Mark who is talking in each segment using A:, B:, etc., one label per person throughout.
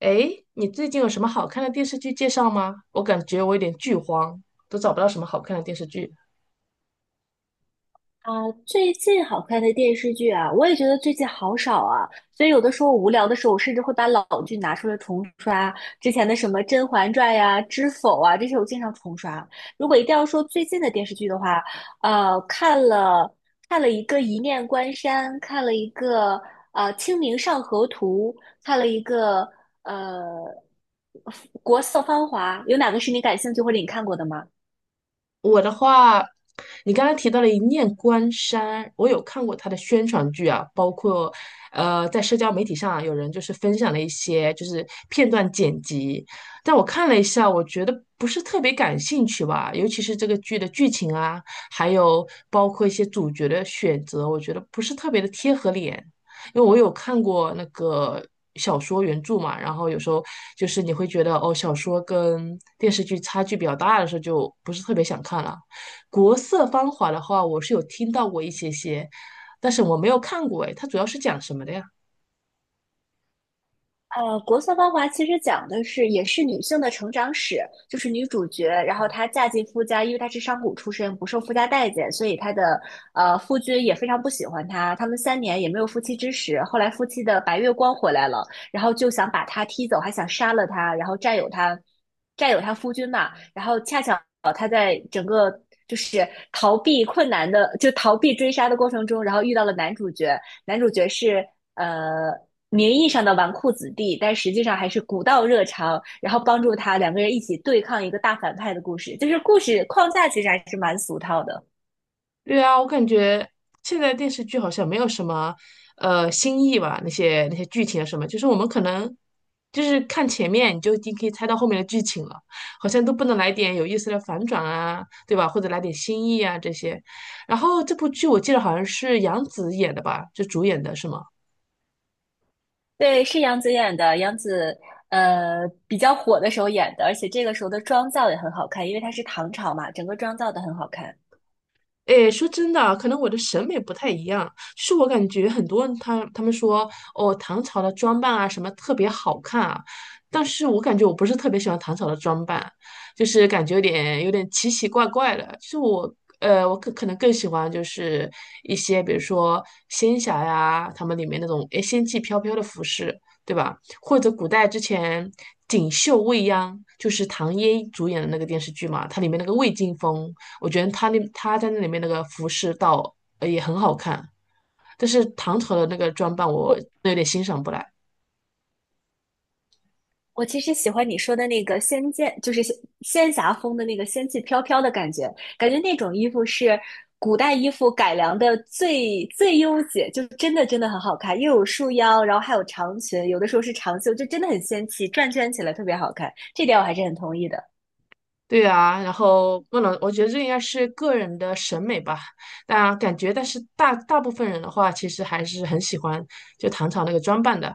A: 诶，你最近有什么好看的电视剧介绍吗？我感觉我有点剧荒，都找不到什么好看的电视剧。
B: 啊，最近好看的电视剧啊，我也觉得最近好少啊，所以有的时候无聊的时候，我甚至会把老剧拿出来重刷，之前的什么《甄嬛传》呀、《知否》啊，这些我经常重刷。如果一定要说最近的电视剧的话，看了一个《一念关山》，看了一个《清明上河图》，看了一个呃《国色芳华》，有哪个是你感兴趣或者你看过的吗？
A: 我的话，你刚才提到了《一念关山》，我有看过它的宣传剧啊，包括在社交媒体上啊有人分享了一些片段剪辑，但我看了一下，我觉得不是特别感兴趣吧，尤其是这个剧的剧情啊，还有包括一些主角的选择，我觉得不是特别的贴合脸。因为我有看过那个小说原著嘛，然后有时候就是你会觉得哦，小说跟电视剧差距比较大的时候，就不是特别想看了。国色芳华的话，我是有听到过一些些，但是我没有看过，哎，它主要是讲什么的呀？
B: 《国色芳华》其实讲的是也是女性的成长史，就是女主角，然后她嫁进夫家，因为她是商贾出身，不受夫家待见，所以她的夫君也非常不喜欢她，他们三年也没有夫妻之实。后来夫妻的白月光回来了，然后就想把她踢走，还想杀了她，然后占有她，占有她夫君嘛。然后恰巧她在整个就是逃避困难的，就逃避追杀的过程中，然后遇到了男主角，男主角是呃名义上的纨绔子弟，但实际上还是古道热肠，然后帮助他两个人一起对抗一个大反派的故事。就是故事框架其实还是蛮俗套的。
A: 对啊，我感觉现在电视剧好像没有什么新意吧，那些剧情啊什么，就是我们可能就是看前面你就已经可以猜到后面的剧情了，好像都不能来点有意思的反转啊，对吧？或者来点新意啊这些。然后这部剧我记得好像是杨紫演的吧，就主演的是吗？
B: 对，是杨紫演的，杨紫比较火的时候演的，而且这个时候的妆造也很好看，因为她是唐朝嘛，整个妆造都很好看。
A: 诶，说真的啊可能我的审美不太一样，就是我感觉很多人他们说哦，唐朝的装扮啊什么特别好看啊，但是我感觉我不是特别喜欢唐朝的装扮，就是感觉有点奇奇怪怪的。就是我我可能更喜欢就是一些比如说仙侠呀，他们里面那种诶仙气飘飘的服饰，对吧？或者古代之前《锦绣未央》就是唐嫣主演的那个电视剧嘛，它里面那个魏晋风。我觉得他在那里面那个服饰倒也很好看，但是唐朝的那个装扮我
B: 我
A: 有点欣赏不来。
B: 我其实喜欢你说的那个仙剑，就是仙侠风的那个仙气飘飘的感觉，感觉那种衣服是古代衣服改良的最优解，就真的真的很好看，又有束腰，然后还有长裙，有的时候是长袖，就真的很仙气，转圈起来特别好看，这点我还是很同意的。
A: 对啊，然后不能，我觉得这应该是个人的审美吧。但感觉，但是大大部分人的话，其实还是很喜欢就唐朝那个装扮的。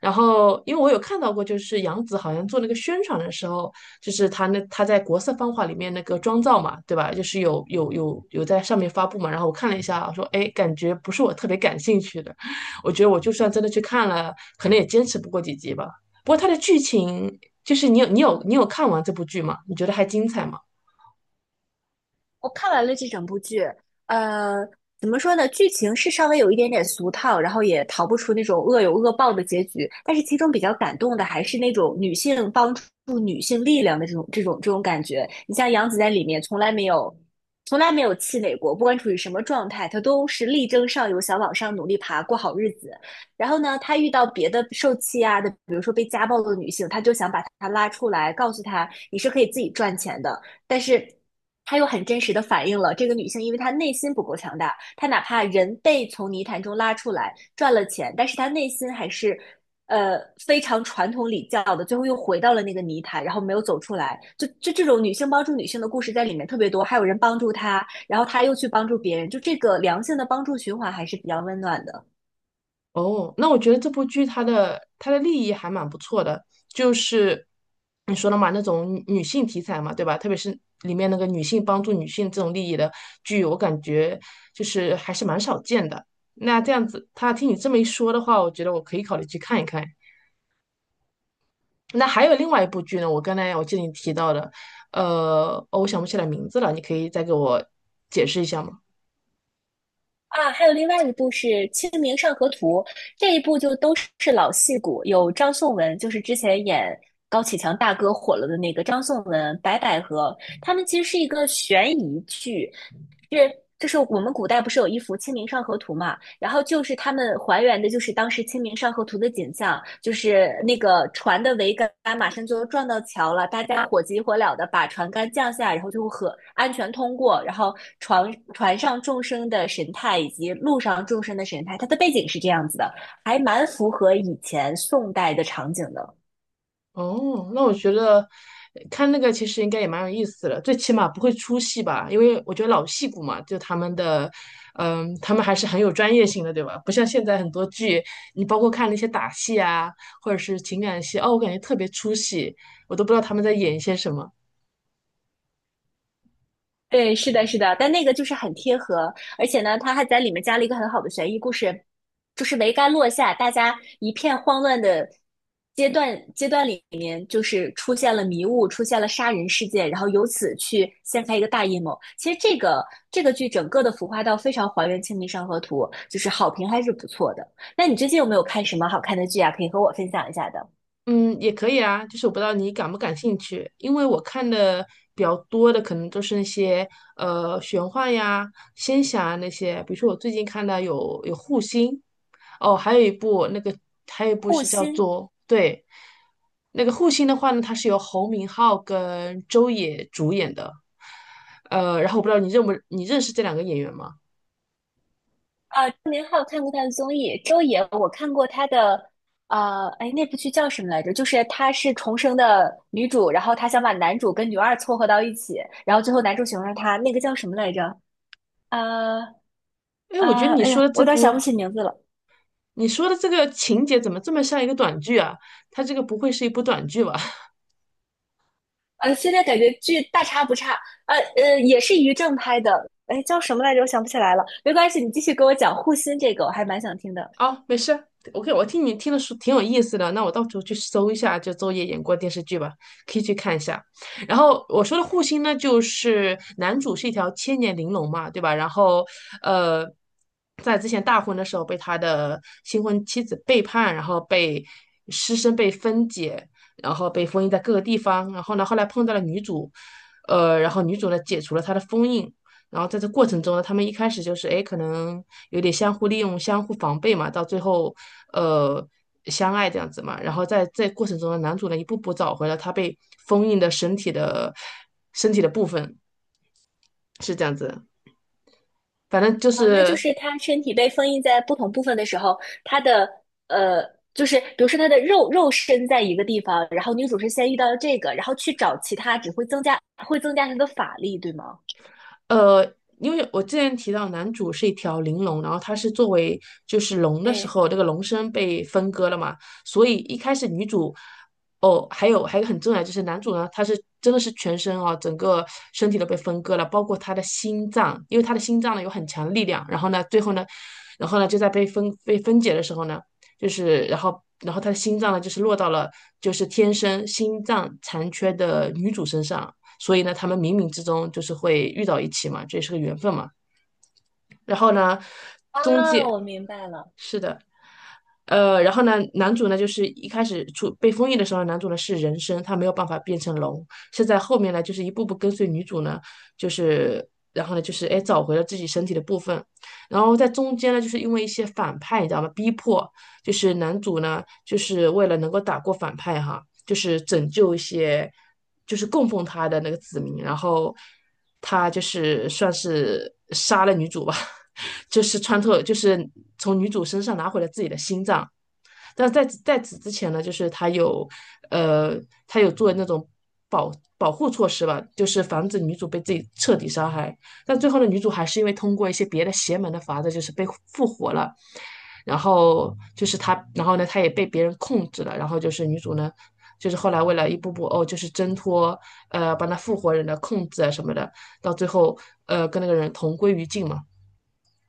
A: 然后，因为我有看到过，就是杨紫好像做那个宣传的时候，就是她在国色芳华里面那个妆造嘛，对吧？就是有在上面发布嘛。然后我看了一下，我说哎，感觉不是我特别感兴趣的。我觉得我就算真的去看了，可能也坚持不过几集吧。不过它的剧情就是你有看完这部剧吗？你觉得还精彩吗？
B: 我看完了这整部剧，呃，怎么说呢？剧情是稍微有一点点俗套，然后也逃不出那种恶有恶报的结局。但是其中比较感动的还是那种女性帮助女性力量的这种感觉。你像杨紫在里面从来没有气馁过，不管处于什么状态，她都是力争上游，想往上努力爬，过好日子。然后呢，她遇到别的受气啊的，比如说被家暴的女性，她就想把她拉出来，告诉她你是可以自己赚钱的。但是他又很真实的反映了这个女性，因为她内心不够强大，她哪怕人被从泥潭中拉出来赚了钱，但是她内心还是呃非常传统礼教的，最后又回到了那个泥潭，然后没有走出来。就这种女性帮助女性的故事在里面特别多，还有人帮助她，然后她又去帮助别人，就这个良性的帮助循环还是比较温暖的。
A: 哦，那我觉得这部剧它的立意还蛮不错的，就是你说的嘛，那种女性题材嘛，对吧？特别是里面那个女性帮助女性这种利益的剧，我感觉就是还是蛮少见的。那这样子，他听你这么一说的话，我觉得我可以考虑去看一看。那还有另外一部剧呢，我刚才我记得你提到的，哦我想不起来名字了，你可以再给我解释一下吗？
B: 啊，还有另外一部是《清明上河图》，这一部就都是老戏骨，有张颂文，就是之前演高启强大哥火了的那个张颂文、白百合，他们其实是一个悬疑剧，是，就是我们古代不是有一幅《清明上河图》嘛，然后就是他们还原的，就是当时《清明上河图》的景象，就是那个船的桅杆马上就撞到桥了，大家火急火燎的把船杆降下，然后就和安全通过，然后船上众生的神态以及路上众生的神态，它的背景是这样子的，还蛮符合以前宋代的场景的。
A: 哦，那我觉得看那个其实应该也蛮有意思的，最起码不会出戏吧？因为我觉得老戏骨嘛，就他们的，嗯，他们还是很有专业性的，对吧？不像现在很多剧，你包括看那些打戏啊，或者是情感戏，哦，我感觉特别出戏，我都不知道他们在演一些什么。
B: 对，是的，是的，但那个就是很贴合，而且呢，他还在里面加了一个很好的悬疑故事，就是桅杆落下，大家一片慌乱的阶段里面，就是出现了迷雾，出现了杀人事件，然后由此去掀开一个大阴谋。其实这个剧整个的浮夸到非常还原《清明上河图》，就是好评还是不错的。那你最近有没有看什么好看的剧啊？可以和我分享一下的。
A: 嗯，也可以啊，就是我不知道你感不感兴趣，因为我看的比较多的可能都是那些玄幻呀、仙侠啊那些，比如说我最近看到有护心，哦，还有一部那个还有一部
B: 护
A: 是叫
B: 心
A: 做对，那个护心的话呢，它是由侯明昊跟周也主演的，然后我不知道你认不你认识这两个演员吗？
B: 啊，郑明浩看过他的综艺，周也我看过他的，哎，那部剧叫什么来着？就是他是重生的女主，然后他想把男主跟女二撮合到一起，然后最后男主喜欢上她，那个叫什么来着？呃
A: 哎，我觉得你
B: 哎
A: 说
B: 呀，
A: 的
B: 我
A: 这
B: 有点
A: 部
B: 想不起名字了。
A: 你说的这个情节怎么这么像一个短剧啊？它这个不会是一部短剧吧？
B: 现在感觉剧大差不差，也是于正拍的，哎，叫什么来着？我想不起来了，没关系，你继续给我讲护心这个，我还蛮想听的。
A: 哦，没事，OK,我听你听的说挺有意思的，那我到时候去搜一下就周也演过的电视剧吧，可以去看一下。然后我说的护心呢，就是男主是一条千年玲珑嘛，对吧？然后呃，在之前大婚的时候被他的新婚妻子背叛，然后被尸身被分解，然后被封印在各个地方。然后呢，后来碰到了女主，然后女主呢解除了他的封印，然后在这过程中呢，他们一开始就是哎，可能有点相互利用、相互防备嘛，到最后呃相爱这样子嘛。然后在这过程中呢，男主呢一步步找回了他被封印的身体的部分，是这样子。反正就
B: 啊，那就
A: 是
B: 是它身体被封印在不同部分的时候，它的呃，就是比如说它的肉身在一个地方，然后女主是先遇到了这个，然后去找其他，只会增加她的法力，对吗？
A: 呃，因为我之前提到男主是一条灵龙，然后他是作为就是龙的时
B: 对，
A: 候，这个龙身被分割了嘛，所以一开始女主，哦，还有一个很重要的就是男主呢，他是真的是全身啊，整个身体都被分割了，包括他的心脏，因为他的心脏呢有很强的力量，然后呢最后呢，然后呢就在被分解的时候呢，就是然后他的心脏呢就是落到了就是天生心脏残缺的女主身上。所以呢，他们冥冥之中就是会遇到一起嘛，这也是个缘分嘛。然后呢，中
B: 啊，
A: 介
B: 我明白了
A: 是的，然后呢，男主呢就是一开始出被封印的时候，男主呢是人身，他没有办法变成龙。是在后面呢，就是一步步跟随女主呢，就是然后呢就是哎找回了自己身体的部分。然后在中间呢，就是因为一些反派，你知道吗？逼迫就是男主呢，就是为了能够打过反派哈，就是拯救一些，就是供奉他的那个子民，然后他就是算是杀了女主吧，就是穿透，就是从女主身上拿回了自己的心脏，但是在在此之前呢，就是他有呃，他有做那种保保护措施吧，就是防止女主被自己彻底杀害。但最后呢，女主还是因为通过一些别的邪门的法子，就是被复活了。然后就是他，然后呢，他也被别人控制了。然后就是女主呢，就是后来为了一步步哦，就是挣脱把那复活人的控制啊什么的，到最后跟那个人同归于尽嘛。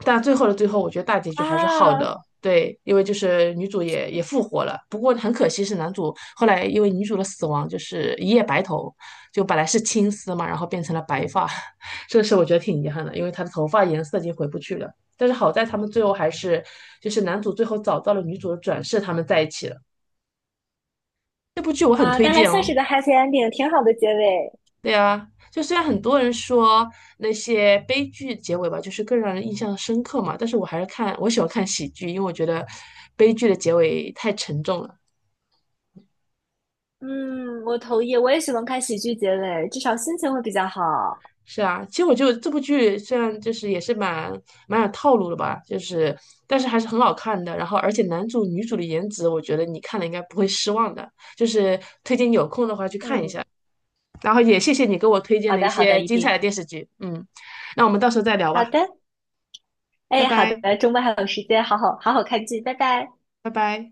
A: 但最后的最后，我觉得大结局还是好
B: 啊
A: 的。对，因为就是女主也复活了，不过很可惜是男主后来因为女主的死亡就是一夜白头，就本来是青丝嘛，然后变成了白发，这个事我觉得挺遗憾的，因为他的头发颜色已经回不去了。但是好在他们最后还是就是男主最后找到了女主的转世，他们在一起了。这部剧我很
B: 啊，
A: 推
B: 那还
A: 荐
B: 算是
A: 哦。
B: 个 happy ending，挺好的结尾。
A: 对啊，就虽然很多人说那些悲剧结尾吧，就是更让人印象深刻嘛，但是我还是看，我喜欢看喜剧，因为我觉得悲剧的结尾太沉重了。
B: 嗯，我同意，我也喜欢看喜剧结尾，至少心情会比较好。
A: 是啊，其实我觉得这部剧虽然就是也是蛮有套路的吧，就是但是还是很好看的。然后而且男主女主的颜值，我觉得你看了应该不会失望的，就是推荐有空的话去看一
B: 嗯，
A: 下。然后也谢谢你给我推荐
B: 好
A: 了一
B: 的，好
A: 些
B: 的，一
A: 精彩
B: 定。
A: 的电视剧，嗯，那我们到时候再聊
B: 好
A: 吧，
B: 的，
A: 拜
B: 哎，好的，
A: 拜，
B: 周末还有时间，好好好好看剧，拜拜。
A: 拜拜。